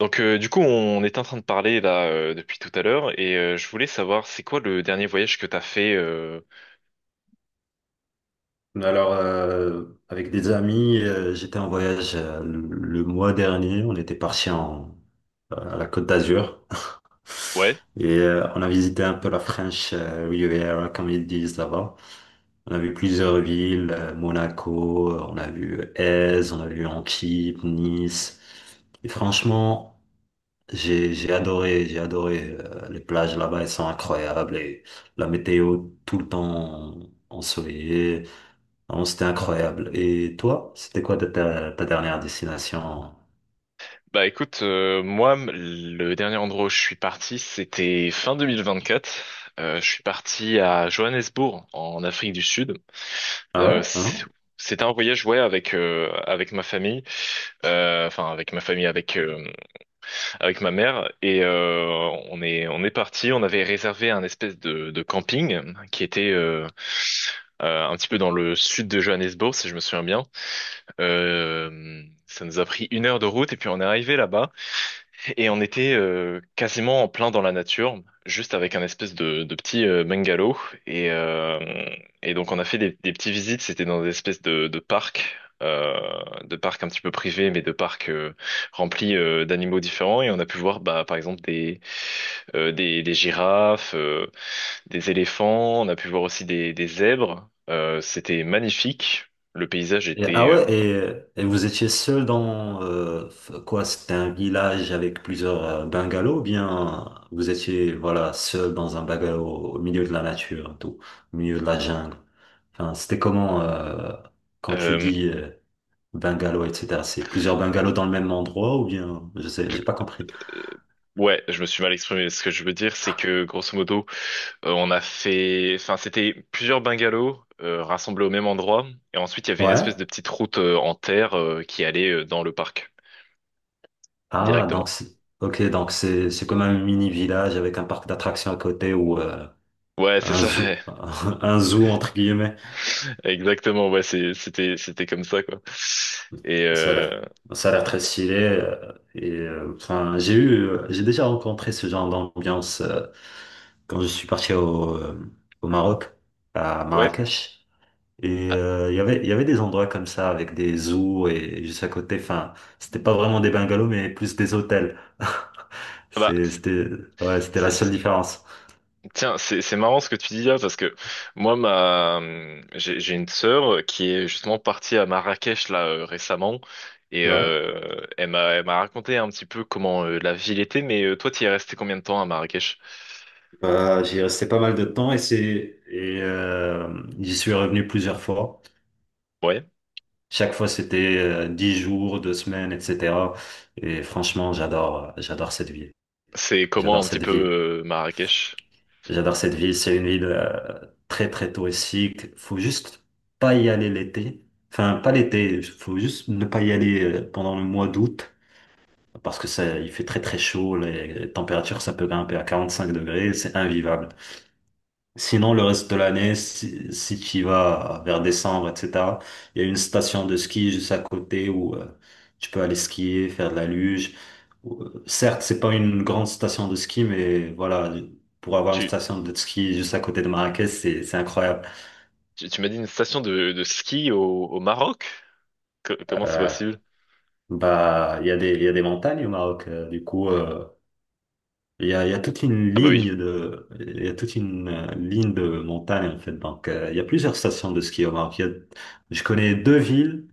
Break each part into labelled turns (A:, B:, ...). A: Donc du coup, on est en train de parler là depuis tout à l'heure et je voulais savoir c'est quoi le dernier voyage que t'as fait
B: Alors, avec des amis, j'étais en voyage le mois dernier. On était parti à la Côte d'Azur
A: Ouais.
B: et on a visité un peu la French Riviera, comme ils disent là-bas. On a vu plusieurs villes, Monaco, on a vu Aise, on a vu Antibes, Nice. Et franchement, j'ai adoré, j'ai adoré. Les plages là-bas, elles sont incroyables et la météo tout le temps ensoleillée. Non, c'était incroyable. Et toi, c'était quoi ta dernière destination?
A: Bah écoute, moi le dernier endroit où je suis parti, c'était fin 2024. Je suis parti à Johannesburg en Afrique du Sud.
B: Ah
A: Euh,
B: ouais?
A: c'est-
B: Hein?
A: c'était un voyage ouais avec avec ma famille, enfin avec ma famille avec avec ma mère et on est parti. On avait réservé un espèce de camping qui était un petit peu dans le sud de Johannesburg, si je me souviens bien. Ça nous a pris une heure de route et puis on est arrivé là-bas. Et on était quasiment en plein dans la nature, juste avec un espèce de petit bungalow. Et, euh, et donc on a fait des petites visites, c'était dans des espèces euh, de parcs un petit peu privés, mais de parcs remplis d'animaux différents. Et on a pu voir bah, par exemple des girafes, des éléphants, on a pu voir aussi des zèbres. C'était magnifique, le paysage était...
B: Ah ouais, et vous étiez seul dans quoi? C'était un village avec plusieurs bungalows, ou bien vous étiez voilà seul dans un bungalow au milieu de la nature, au milieu de la jungle. Enfin, c'était comment quand tu
A: euh, euh,
B: dis bungalow, etc. C'est plusieurs bungalows dans le même endroit ou bien je sais, j'ai pas compris.
A: Ouais, je me suis mal exprimé. Ce que je veux dire, c'est que grosso modo, on a fait, enfin, c'était plusieurs bungalows rassemblés au même endroit, et ensuite il y avait une espèce de
B: Ouais.
A: petite route en terre qui allait dans le parc
B: Ah,
A: directement.
B: Ok, donc c'est comme un mini village avec un parc d'attractions à côté ou
A: Ouais, c'est
B: un
A: ça.
B: zoo
A: Ouais.
B: un zoo entre guillemets.
A: Exactement. Ouais, c'était comme ça quoi. Et
B: Ça a l'air
A: euh,
B: ça a l'air très stylé et enfin j'ai déjà rencontré ce genre d'ambiance quand je suis parti au Maroc à
A: ouais.
B: Marrakech et
A: Ah,
B: il y avait des endroits comme ça avec des zoos et juste à côté enfin c'était pas vraiment des bungalows mais plus des hôtels.
A: bah,
B: C'est- C'était Ouais, c'était la seule différence.
A: Tiens, c'est marrant ce que tu dis là parce que moi ma j'ai une sœur qui est justement partie à Marrakech là récemment et
B: Ouais.
A: euh, elle m'a raconté un petit peu comment la ville était mais toi tu es resté combien de temps à Marrakech?
B: J'y restais pas mal de temps et c'est et j'y suis revenu plusieurs fois.
A: Ouais,
B: Chaque fois, c'était 10 jours, 2 semaines, etc. Et franchement, j'adore, j'adore cette ville.
A: c'est comment
B: J'adore
A: un petit
B: cette ville.
A: peu Marrakech?
B: J'adore cette ville. C'est une ville très très touristique. Faut juste pas y aller l'été. Enfin, pas l'été. Faut juste ne pas y aller pendant le mois d'août parce que ça, il fait très très chaud. Les températures, ça peut grimper à 45 degrés. C'est invivable. Sinon, le reste de l'année, si tu y vas vers décembre, etc., il y a une station de ski juste à côté où tu peux aller skier, faire de la luge. Certes, c'est pas une grande station de ski, mais voilà, pour avoir une
A: Tu
B: station de ski juste à côté de Marrakech, c'est incroyable.
A: tu m'as dit une station de ski au Maroc? Comment c'est
B: Euh,
A: possible?
B: bah, il y a des montagnes au Maroc. Du coup, il y a
A: Ah bah oui.
B: toute une ligne de montagne en fait. Donc, il y a plusieurs stations de ski au Maroc. Je connais deux villes,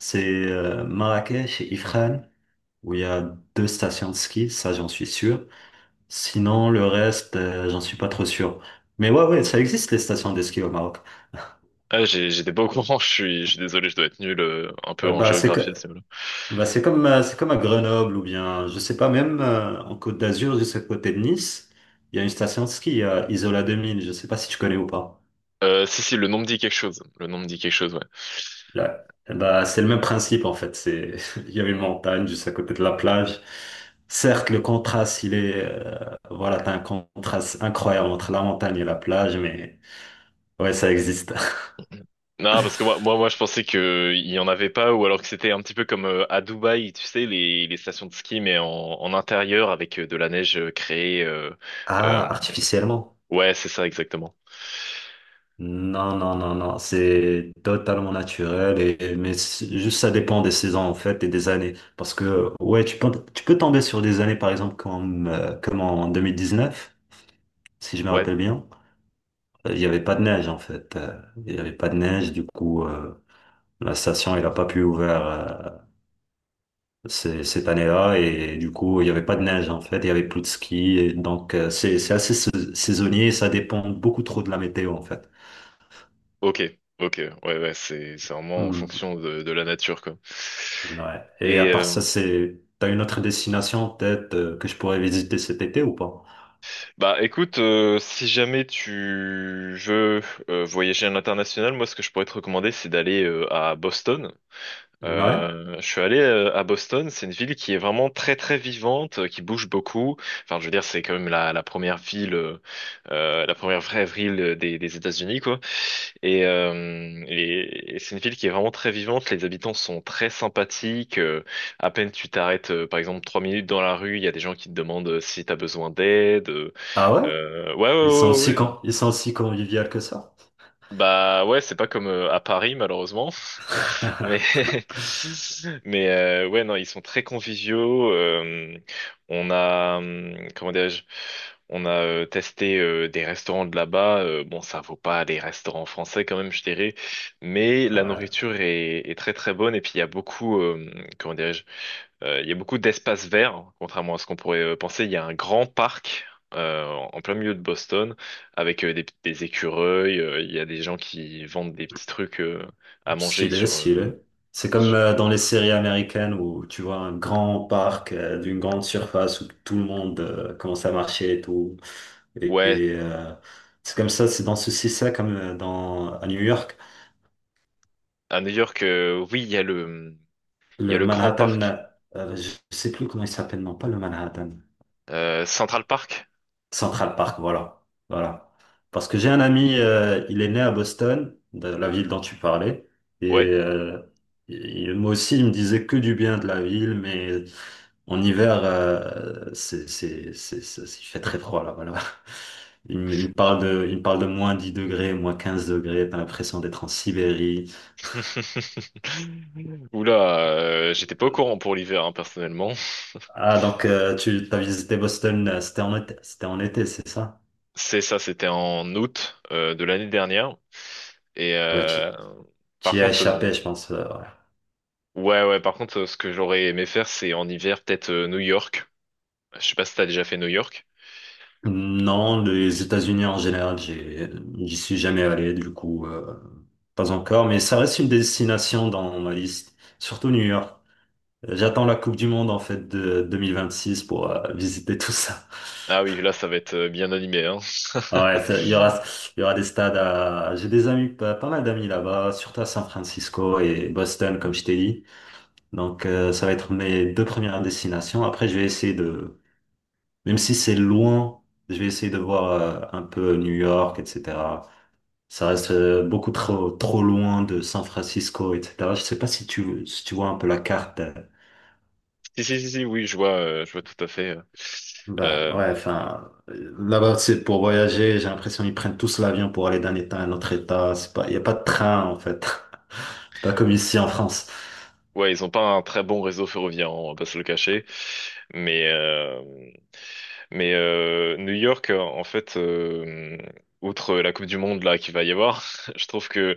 B: c'est Marrakech et Ifrane, où il y a deux stations de ski, ça j'en suis sûr. Sinon, le reste, j'en suis pas trop sûr. Mais ouais, ouais, ça existe les stations de ski au Maroc.
A: Ah, j'étais pas au courant, je suis désolé, je dois être nul un peu
B: Euh,
A: en
B: bah c'est, que-
A: géographie.
B: bah c'est comme à Grenoble ou bien, je sais pas, même en Côte d'Azur, juste à côté de Nice, il y a une station de ski, à Isola 2000. Je sais pas si tu connais ou pas.
A: Si, le nom me dit quelque chose. Le nom me dit quelque chose, ouais.
B: Là, eh ben, c'est le même principe en fait. Il y a une montagne juste à côté de la plage. Certes, le contraste, voilà, t'as un contraste incroyable entre la montagne et la plage, mais ouais, ça existe.
A: Non, parce que moi, je pensais que il y en avait pas, ou alors que c'était un petit peu comme à Dubaï, tu sais, les stations de ski, mais en intérieur avec de la neige créée. Euh,
B: Ah, artificiellement?
A: Ouais, c'est ça, exactement.
B: Non, non, non, non. C'est totalement naturel mais juste ça dépend des saisons en fait et des années. Parce que ouais, tu peux tomber sur des années par exemple comme en 2019, si je me
A: Ouais,
B: rappelle bien. Il n'y avait pas de neige en fait. Il n'y avait pas de neige, du coup, la station elle n'a pas pu ouvrir cette année-là et du coup, il n'y avait pas de neige en fait. Il y avait plus de ski, et donc c'est assez saisonnier. Ça dépend beaucoup trop de la météo en fait.
A: ok, ok, ouais, ouais, c'est vraiment en
B: Hmm.
A: fonction de la nature, quoi.
B: Ouais. Et
A: Et
B: à part ça,
A: euh,
B: c'est t'as une autre destination peut-être que je pourrais visiter cet été ou pas?
A: bah écoute, si jamais tu veux voyager à l'international, moi ce que je pourrais te recommander, c'est d'aller à Boston.
B: Ouais.
A: Je suis allé à Boston, c'est une ville qui est vraiment très très vivante, qui bouge beaucoup. Enfin, je veux dire, c'est quand même la première ville, la première vraie ville des États-Unis, quoi. Et c'est une ville qui est vraiment très vivante. Les habitants sont très sympathiques. À peine tu t'arrêtes, par exemple, trois minutes dans la rue, il y a des gens qui te demandent si t'as besoin d'aide.
B: Ah ouais?
A: Ouais,
B: Ils sont aussi
A: ouais.
B: con- ils sont aussi conviviaux que ça.
A: Bah ouais, c'est pas comme à Paris malheureusement, mais mais ouais non, ils sont très conviviaux. On a comment dirais-je, on a testé des restaurants de là-bas. Bon, ça vaut pas les restaurants français quand même, je dirais, mais la
B: Ouais.
A: nourriture est très très bonne et puis il y a beaucoup comment dirais-je, il y a beaucoup d'espaces verts, hein, contrairement à ce qu'on pourrait penser. Il y a un grand parc en plein milieu de Boston avec des écureuils. Il y a des gens qui vendent des petits trucs à manger sur,
B: S'il
A: euh,
B: est. C'est comme
A: sur-
B: dans les séries américaines où tu vois un grand parc d'une grande surface où tout le monde commence à marcher et tout. Et,
A: Ouais,
B: et, euh, c'est comme ça, c'est dans ce ça comme à New York.
A: à New York, oui, il y a il y a
B: Le
A: le grand
B: Manhattan,
A: parc.
B: je sais plus comment il s'appelle, non, pas le Manhattan.
A: Central Park.
B: Central Park, voilà. Voilà. Parce que j'ai un ami, il est né à Boston, de la ville dont tu parlais, et
A: Ouais.
B: moi aussi, il me disait que du bien de la ville, mais en hiver, il fait très froid là-bas. Il me parle de -10 degrés, -15 degrés, t'as l'impression d'être en Sibérie.
A: Oula, j'étais pas au courant pour l'hiver, hein, personnellement.
B: Ah, donc tu as visité Boston, c'était en été, c'est ça?
A: C'est ça, c'était en août de l'année dernière. Et
B: Ouais, tu,
A: euh,
B: tu
A: par
B: y as
A: contre.
B: échappé, je pense.
A: Ouais, ouais, par contre, ce que j'aurais aimé faire, c'est en hiver, peut-être New York. Je sais pas si t'as déjà fait New York.
B: Non, les États-Unis en général, j'y suis jamais allé, du coup, pas encore, mais ça reste une destination dans ma liste, surtout New York. J'attends la Coupe du Monde, en fait, de 2026 pour visiter tout ça.
A: Ah oui, là, ça va être bien animé, hein.
B: Ouais, il y aura, il y aura des stades à, j'ai des amis, pas mal d'amis là-bas, surtout à San Francisco et Boston, comme je t'ai dit. Donc, ça va être mes deux premières destinations. Après, je vais essayer de, même si c'est loin, je vais essayer de voir un peu New York, etc. Ça reste beaucoup trop loin de San Francisco, etc. Je sais pas si tu vois un peu la carte.
A: Si, si, oui, je vois tout à fait.
B: Bah
A: Euh,
B: ouais, enfin, là-bas, c'est pour voyager. J'ai l'impression qu'ils prennent tous l'avion pour aller d'un état à un autre état. C'est pas, il n'y a pas de train, en fait. C'est pas comme ici en France.
A: ouais, ils ont pas un très bon réseau ferroviaire, hein, on va pas se le cacher. Mais, euh, mais New York, en fait, outre la Coupe du Monde là qu'il va y avoir, je trouve que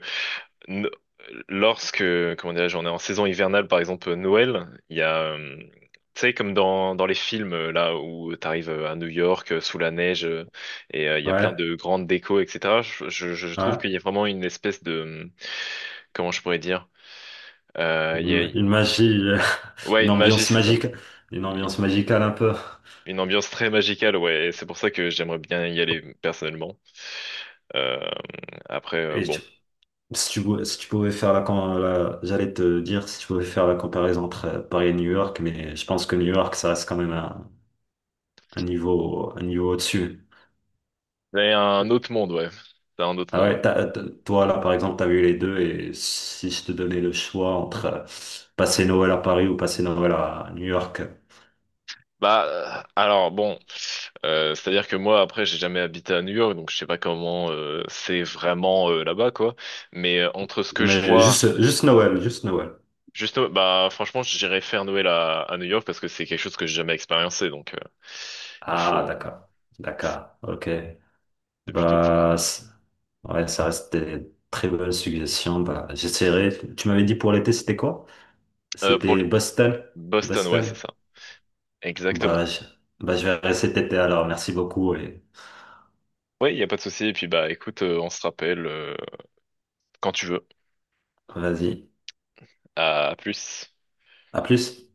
A: no- lorsque, comment dirais-je, on est en saison hivernale, par exemple Noël, il y a, tu sais, comme dans les films, là, où t'arrives à New York, sous la neige, et il y a plein
B: Ouais,
A: de grandes décos, etc. Je trouve
B: ouais.
A: qu'il y a vraiment une espèce de, comment je pourrais dire, il y
B: Une,
A: a,
B: une magie,
A: ouais,
B: une
A: une magie,
B: ambiance
A: c'est ça.
B: magique, une ambiance magicale un peu.
A: Une ambiance très magicale, ouais, et c'est pour ça que j'aimerais bien y aller personnellement. Euh, Après,
B: Et tu-
A: bon.
B: si tu, pouvais- si tu pouvais faire la, J'allais te dire si tu pouvais faire la comparaison entre Paris et New York, mais je pense que New York, ça reste quand même un niveau au-dessus.
A: C'est un autre monde, ouais. C'est un autre
B: Ah
A: monde.
B: ouais, toi, là, par exemple, t'as vu les deux, et si je te donnais le choix entre passer Noël à Paris ou passer Noël à New York,
A: Bah, alors bon, c'est-à-dire que moi après j'ai jamais habité à New York, donc je sais pas comment c'est vraiment là-bas quoi. Mais entre ce que je
B: mais
A: vois,
B: juste Noël, juste Noël.
A: juste bah franchement j'irais faire Noël à New York parce que c'est quelque chose que j'ai jamais expériencé, donc il
B: Ah,
A: faut.
B: d'accord, d'accord, ok.
A: C'est plutôt
B: Bah, ouais, ça reste des très bonnes suggestions. Bah, j'essaierai. Tu m'avais dit pour l'été, c'était quoi?
A: pour
B: C'était Boston,
A: Boston, ouais c'est
B: Boston.
A: ça,
B: Bah,
A: exactement.
B: je verrai cet été alors. Merci beaucoup et
A: Oui, il y a pas de souci. Et puis bah écoute, on se rappelle quand tu veux.
B: vas-y.
A: À plus.
B: À plus.